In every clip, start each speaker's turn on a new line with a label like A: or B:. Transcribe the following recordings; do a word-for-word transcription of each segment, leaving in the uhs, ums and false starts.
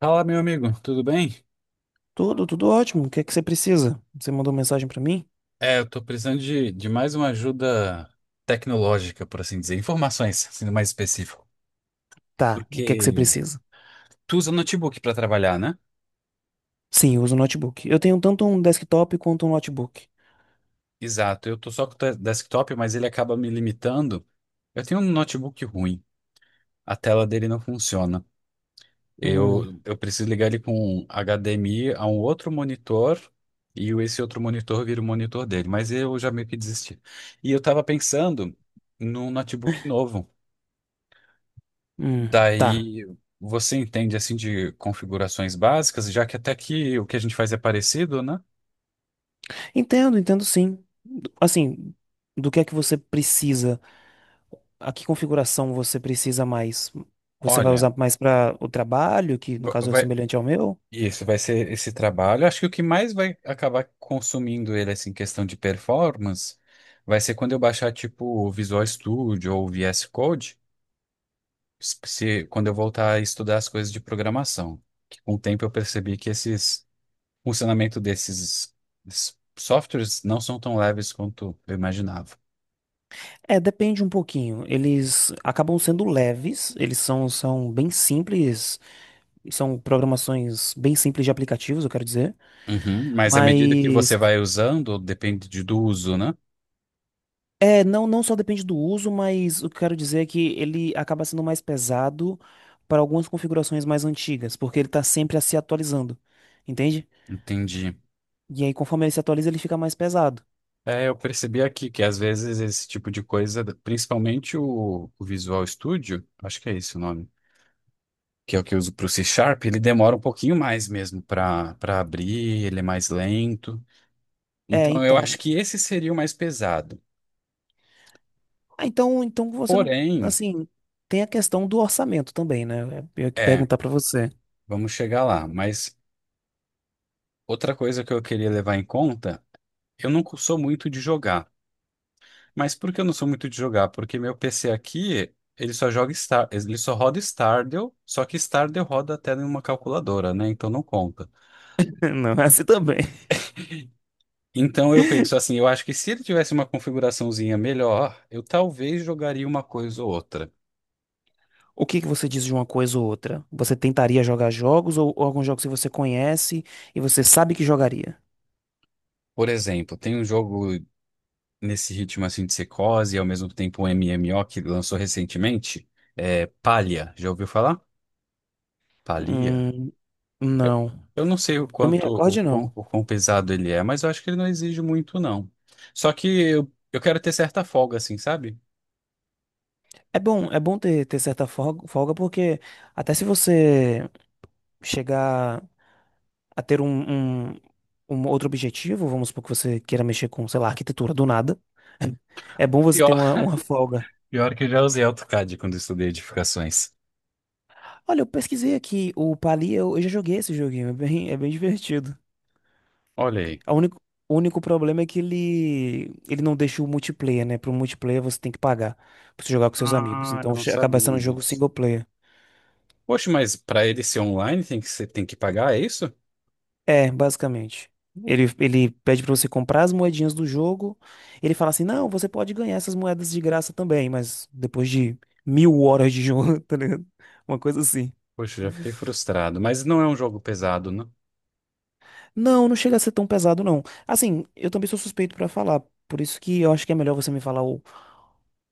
A: Fala, meu amigo, tudo bem?
B: Tudo, tudo ótimo. O que é que você precisa? Você mandou mensagem pra mim?
A: É, eu tô precisando de, de mais uma ajuda tecnológica, por assim dizer, informações, sendo mais específico.
B: Tá, o que é que você
A: Porque
B: precisa?
A: tu usa notebook para trabalhar, né?
B: Sim, eu uso notebook. Eu tenho tanto um desktop quanto um notebook.
A: Exato, eu tô só com o te- desktop, mas ele acaba me limitando. Eu tenho um notebook ruim, a tela dele não funciona.
B: Hum,
A: Eu, eu preciso ligar ele com H D M I a um outro monitor e o- esse outro monitor vira o monitor dele, mas eu já meio que desisti. E eu tava pensando num notebook novo.
B: hum, tá.
A: Daí você entende assim de configurações básicas, já que até aqui o que a gente faz é parecido, né?
B: Entendo, entendo sim. Assim, do que é que você precisa? A que configuração você precisa mais? Você vai
A: Olha,
B: usar mais para o trabalho, que no
A: va-
B: caso é
A: vai,
B: semelhante ao meu?
A: isso vai ser esse trabalho. Acho que o que mais vai acabar consumindo ele assim, em questão de performance, vai ser quando eu baixar tipo o Visual Studio ou o V S Code, se, se- quando eu voltar a estudar as coisas de programação. Que com o tempo eu percebi que esses funcionamento desses desses softwares não são tão leves quanto eu imaginava.
B: É, depende um pouquinho. Eles acabam sendo leves, eles são, são bem simples, são programações bem simples de aplicativos, eu quero dizer.
A: Uhum. Mas à medida que você
B: Mas
A: vai usando, depende de- do uso, né?
B: é, não, não só depende do uso, mas o que eu quero dizer é que ele acaba sendo mais pesado para algumas configurações mais antigas, porque ele está sempre a se atualizando, entende?
A: Entendi.
B: E aí, conforme ele se atualiza, ele fica mais pesado.
A: É, eu percebi aqui que às vezes esse tipo de coisa, principalmente o, o Visual Studio, acho que é esse o nome, que é o que eu uso para o C Sharp, ele demora um pouquinho mais mesmo para para abrir, ele é mais lento.
B: É,
A: Então eu
B: então.
A: acho que esse seria o mais pesado.
B: Ah, então, então você não,
A: Porém,
B: assim, tem a questão do orçamento também, né? É, eu ia que
A: é,
B: perguntar para você.
A: vamos chegar lá. Mas outra coisa que eu queria levar em conta, eu não sou muito de jogar. Mas por que eu não sou muito de jogar? Porque meu P C aqui, ele só joga Star, ele só roda Stardew, só que Stardew roda até numa calculadora, né? Então não conta.
B: Não, é assim também.
A: Então eu penso assim, eu acho que se ele tivesse uma configuraçãozinha melhor, eu talvez jogaria uma coisa ou outra.
B: O que que você diz de uma coisa ou outra? Você tentaria jogar jogos ou, ou alguns jogos que você conhece e você sabe que jogaria?
A: Por exemplo, tem um jogo nesse ritmo assim de secose e ao mesmo tempo um M M O que lançou recentemente, é Palia. Já ouviu falar? Palia?
B: Hum,
A: Eu
B: não.
A: eu não sei o
B: Eu me
A: quanto, o
B: recordo,
A: quão,
B: não.
A: o quão pesado ele é, mas eu acho que ele não exige muito, não. Só que eu, eu quero ter certa folga, assim, sabe?
B: É bom, é bom ter, ter certa folga, folga, porque até se você chegar a ter um, um, um outro objetivo, vamos supor que você queira mexer com, sei lá, arquitetura do nada, é bom você ter
A: Pior,
B: uma, uma folga.
A: pior que eu já usei AutoCAD quando eu estudei edificações.
B: Olha, eu pesquisei aqui, o Pali, eu, eu já joguei esse joguinho, é bem, é bem divertido.
A: Olha aí.
B: A único, o único problema é que ele, ele não deixa o multiplayer, né? Para o multiplayer você tem que pagar pra você jogar com seus amigos.
A: Ah, eu
B: Então
A: não
B: che- acaba
A: sabia
B: sendo um jogo
A: disso.
B: single player.
A: Poxa, mas para ele ser online tem que ser, tem que pagar, é isso?
B: É, basicamente. Ele, ele pede pra você comprar as moedinhas do jogo. Ele fala assim: não, você pode ganhar essas moedas de graça também, mas depois de mil horas de jogo, tá ligado? Uma coisa assim.
A: Poxa, já fiquei frustrado. Mas não é um jogo pesado, né?
B: Não, não chega a ser tão pesado, não. Assim, eu também sou suspeito pra falar, por isso que eu acho que é melhor você me falar o,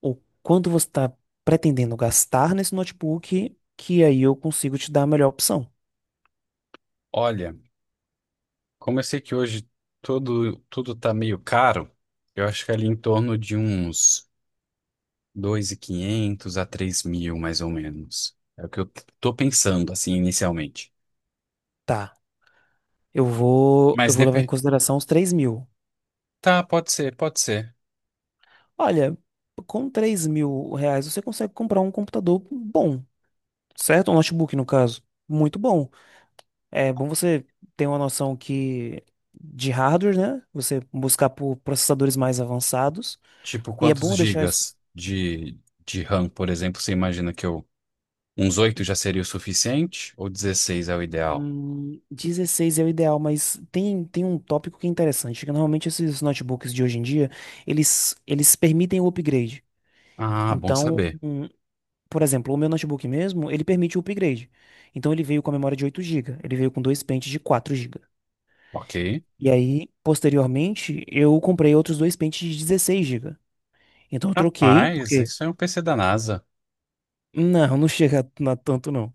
B: o quanto você tá pretendendo gastar nesse notebook, que aí eu consigo te dar a melhor opção.
A: Olha, como eu sei que hoje tudo, tudo tá meio caro, eu acho que é ali em torno de uns. dois mil e quinhentos a três mil mais ou menos. É o que eu tô pensando, assim, inicialmente.
B: Tá. Eu vou, eu
A: Mas
B: vou levar em
A: depende.
B: consideração os três mil.
A: Tá, pode ser, pode ser.
B: Olha, com três mil reais você consegue comprar um computador bom, certo? Um notebook, no caso. Muito bom. É bom você ter uma noção que de hardware, né? Você buscar por processadores mais avançados.
A: Tipo,
B: E é
A: quantos
B: bom deixar isso.
A: gigas de, de RAM, por exemplo, você imagina que eu. Uns oito já seria o suficiente? Ou dezesseis é o ideal?
B: Hum, dezesseis é o ideal, mas tem, tem um tópico que é interessante, que normalmente esses notebooks de hoje em dia, eles, eles permitem o upgrade.
A: Ah, bom
B: Então,
A: saber.
B: um Por exemplo, o meu notebook mesmo, ele permite o upgrade. Então ele veio com a memória de oito GB, ele veio com dois pentes de quatro GB.
A: Ok.
B: E aí, posteriormente, eu comprei outros dois pentes de dezesseis GB. Então eu troquei,
A: Rapaz,
B: porque
A: isso é um P C da NASA.
B: não, não chega a tanto não.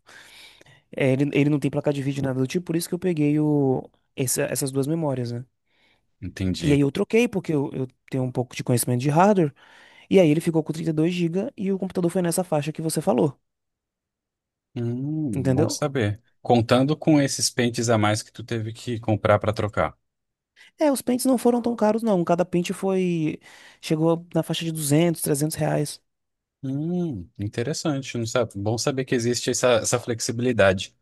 B: É, ele, ele não tem placa de vídeo nada do tipo, por isso que eu peguei o, essa- essas duas memórias, né? E aí
A: Entendi.
B: eu troquei, porque eu, eu tenho um pouco de conhecimento de hardware, e aí ele ficou com trinta e dois GB e o computador foi nessa faixa que você falou,
A: Hum, bom
B: entendeu?
A: saber. Contando com esses pentes a mais que tu teve que comprar pra trocar.
B: É, os pentes não foram tão caros, não. Cada pente foi. Chegou na faixa de duzentos, trezentos reais.
A: Hum, interessante, não sabe? Bom saber que existe essa, essa flexibilidade.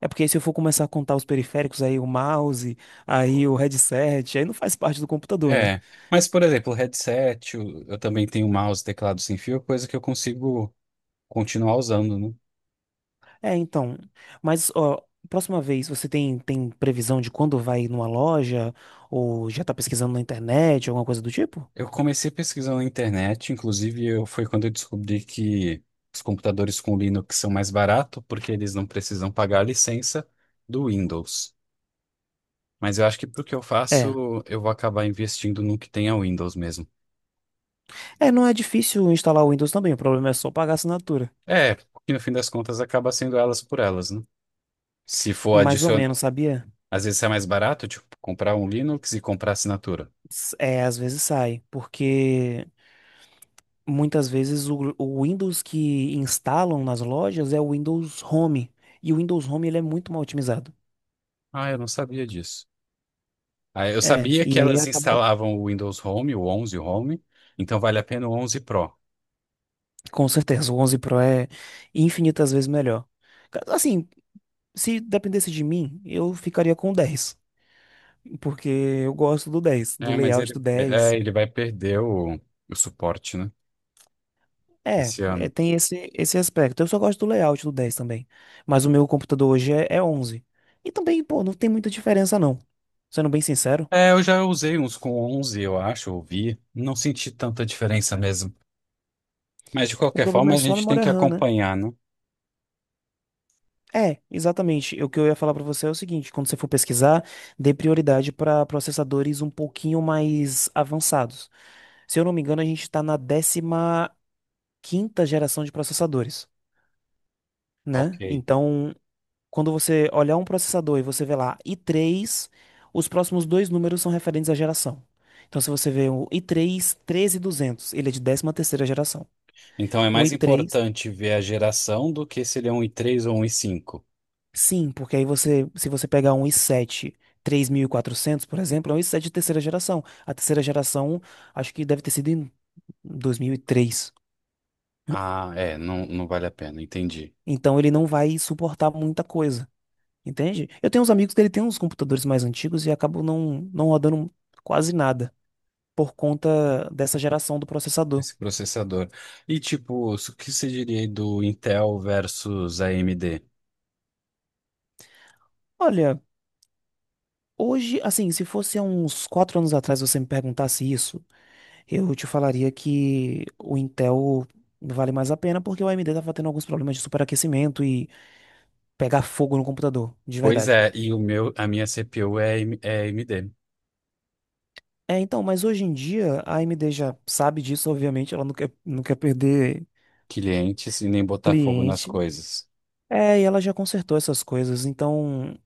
B: É porque se eu for começar a contar os periféricos, aí o mouse, aí o headset, aí não faz parte do computador, né?
A: É, mas por exemplo, o headset, o- eu também tenho mouse, teclado sem fio, coisa que eu consigo continuar usando, né?
B: É, então. Mas, ó, próxima vez você tem, tem previsão de quando vai numa loja? Ou já tá pesquisando na internet, alguma coisa do tipo?
A: Eu comecei pesquisando na internet, inclusive eu, foi quando eu descobri que os computadores com Linux são mais baratos, porque eles não precisam pagar a licença do Windows. Mas eu acho que pro que eu
B: É.
A: faço, eu vou acabar investindo no que tem a Windows mesmo.
B: É, não é difícil instalar o Windows também, o problema é só pagar a assinatura.
A: É, porque no fim das contas acaba sendo elas por elas, né? Se for.
B: Mais ou menos, sabia?
A: Às vezes é mais barato, tipo, comprar um Linux e comprar assinatura.
B: S- É, às vezes sai, porque muitas vezes o, o Windows que instalam nas lojas é o Windows Home. E o Windows Home ele é muito mal otimizado.
A: Ah, eu não sabia disso. Ah, eu
B: É,
A: sabia
B: e
A: que
B: aí
A: elas
B: acaba.
A: instalavam o Windows Home, o onze Home, então vale a pena o onze Pro.
B: Com certeza, o onze Pro é infinitas vezes melhor. Ca- Assim, se dependesse de mim, eu ficaria com o dez. Porque eu gosto do dez, do
A: É, mas
B: layout do
A: ele, é, é,
B: dez.
A: ele vai perder o, o suporte, né?
B: É,
A: Esse
B: é,
A: ano.
B: tem esse, esse aspecto. Eu só gosto do layout do dez também. Mas o meu computador hoje é, é onze. E também, pô, não tem muita diferença não. Sendo bem sincero,
A: É, eu já usei uns com onze, eu acho, ouvi. Não senti tanta diferença mesmo. Mas de
B: o
A: qualquer
B: problema
A: forma,
B: é
A: a
B: só a
A: gente tem
B: memória
A: que
B: RAM, né?
A: acompanhar, né?
B: É, exatamente. O que eu ia falar pra você é o seguinte: quando você for pesquisar, dê prioridade para processadores um pouquinho mais avançados. Se eu não me engano, a gente está na décima quinta geração de processadores,
A: Ok.
B: né? Então, quando você olhar um processador e você vê lá i três, os próximos dois números são referentes à geração. Então, se você vê um i três treze mil e duzentos, ele é de décima terceira geração.
A: Então é
B: Um
A: mais
B: i3
A: importante ver a geração do que se ele é um i três ou um i cinco.
B: Sim, porque aí você, se você pegar um i sete três mil e quatrocentos por exemplo, é um i sete de terceira geração. A terceira geração, acho que deve ter sido em dois mil e três.
A: Ah, é, não, não vale a pena, entendi.
B: Então ele não vai suportar muita coisa, entende? Eu tenho uns amigos que ele tem uns computadores mais antigos e acabam não, não rodando quase nada por conta dessa geração do processador.
A: Esse processador. E tipo, o que você diria aí do Intel versus A M D?
B: Olha, hoje, assim, se fosse há uns quatro anos atrás você me perguntasse isso, eu te falaria que o Intel vale mais a pena porque o A M D estava tendo alguns problemas de superaquecimento e pegar fogo no computador, de
A: Pois
B: verdade.
A: é, e o meu, a minha CPU é, A M- é A M D.
B: É, então, mas hoje em dia a AMD já sabe disso, obviamente, ela não quer, não quer perder
A: Clientes e nem botar fogo nas
B: cliente.
A: coisas.
B: É, e ela já consertou essas coisas, então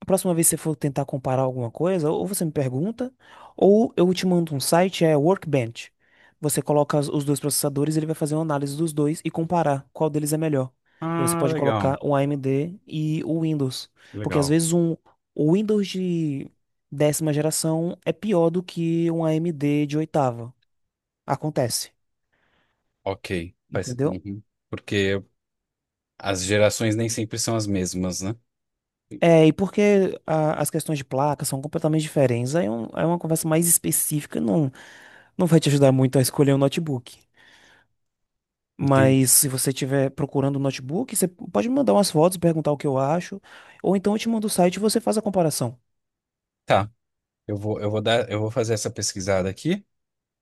B: a próxima vez que você for tentar comparar alguma coisa, ou você me pergunta, ou eu te mando um site, é Workbench. Você coloca as- os dois processadores, ele vai fazer uma análise dos dois e comparar qual deles é melhor. E aí você
A: Ah,
B: pode colocar
A: legal,
B: o A M D e o Windows, porque às
A: legal.
B: vezes um o Windows de décima geração é pior do que um A M D de oitava. Acontece,
A: Ok. Faz...
B: entendeu?
A: uhum. Porque as gerações nem sempre são as mesmas, né?
B: É, e porque a- as questões de placa são completamente diferentes. Aí é, um- é uma conversa mais específica, não. Não vai te ajudar muito a escolher um notebook.
A: Entendi.
B: Mas se você estiver procurando um notebook, você pode me mandar umas fotos, perguntar o que eu acho. Ou então eu te mando o site e você faz a comparação.
A: Tá, eu vou, eu vou dar, eu vou fazer essa pesquisada aqui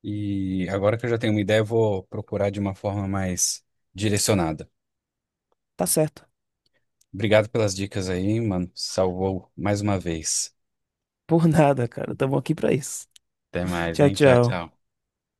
A: e agora que eu já tenho uma ideia, eu vou procurar de uma forma mais direcionada.
B: Tá certo.
A: Obrigado pelas dicas aí, mano. Salvou mais uma vez.
B: Por nada, cara. Tamo aqui pra isso.
A: Até mais,
B: Tchau,
A: hein? Tchau,
B: tchau.
A: tchau.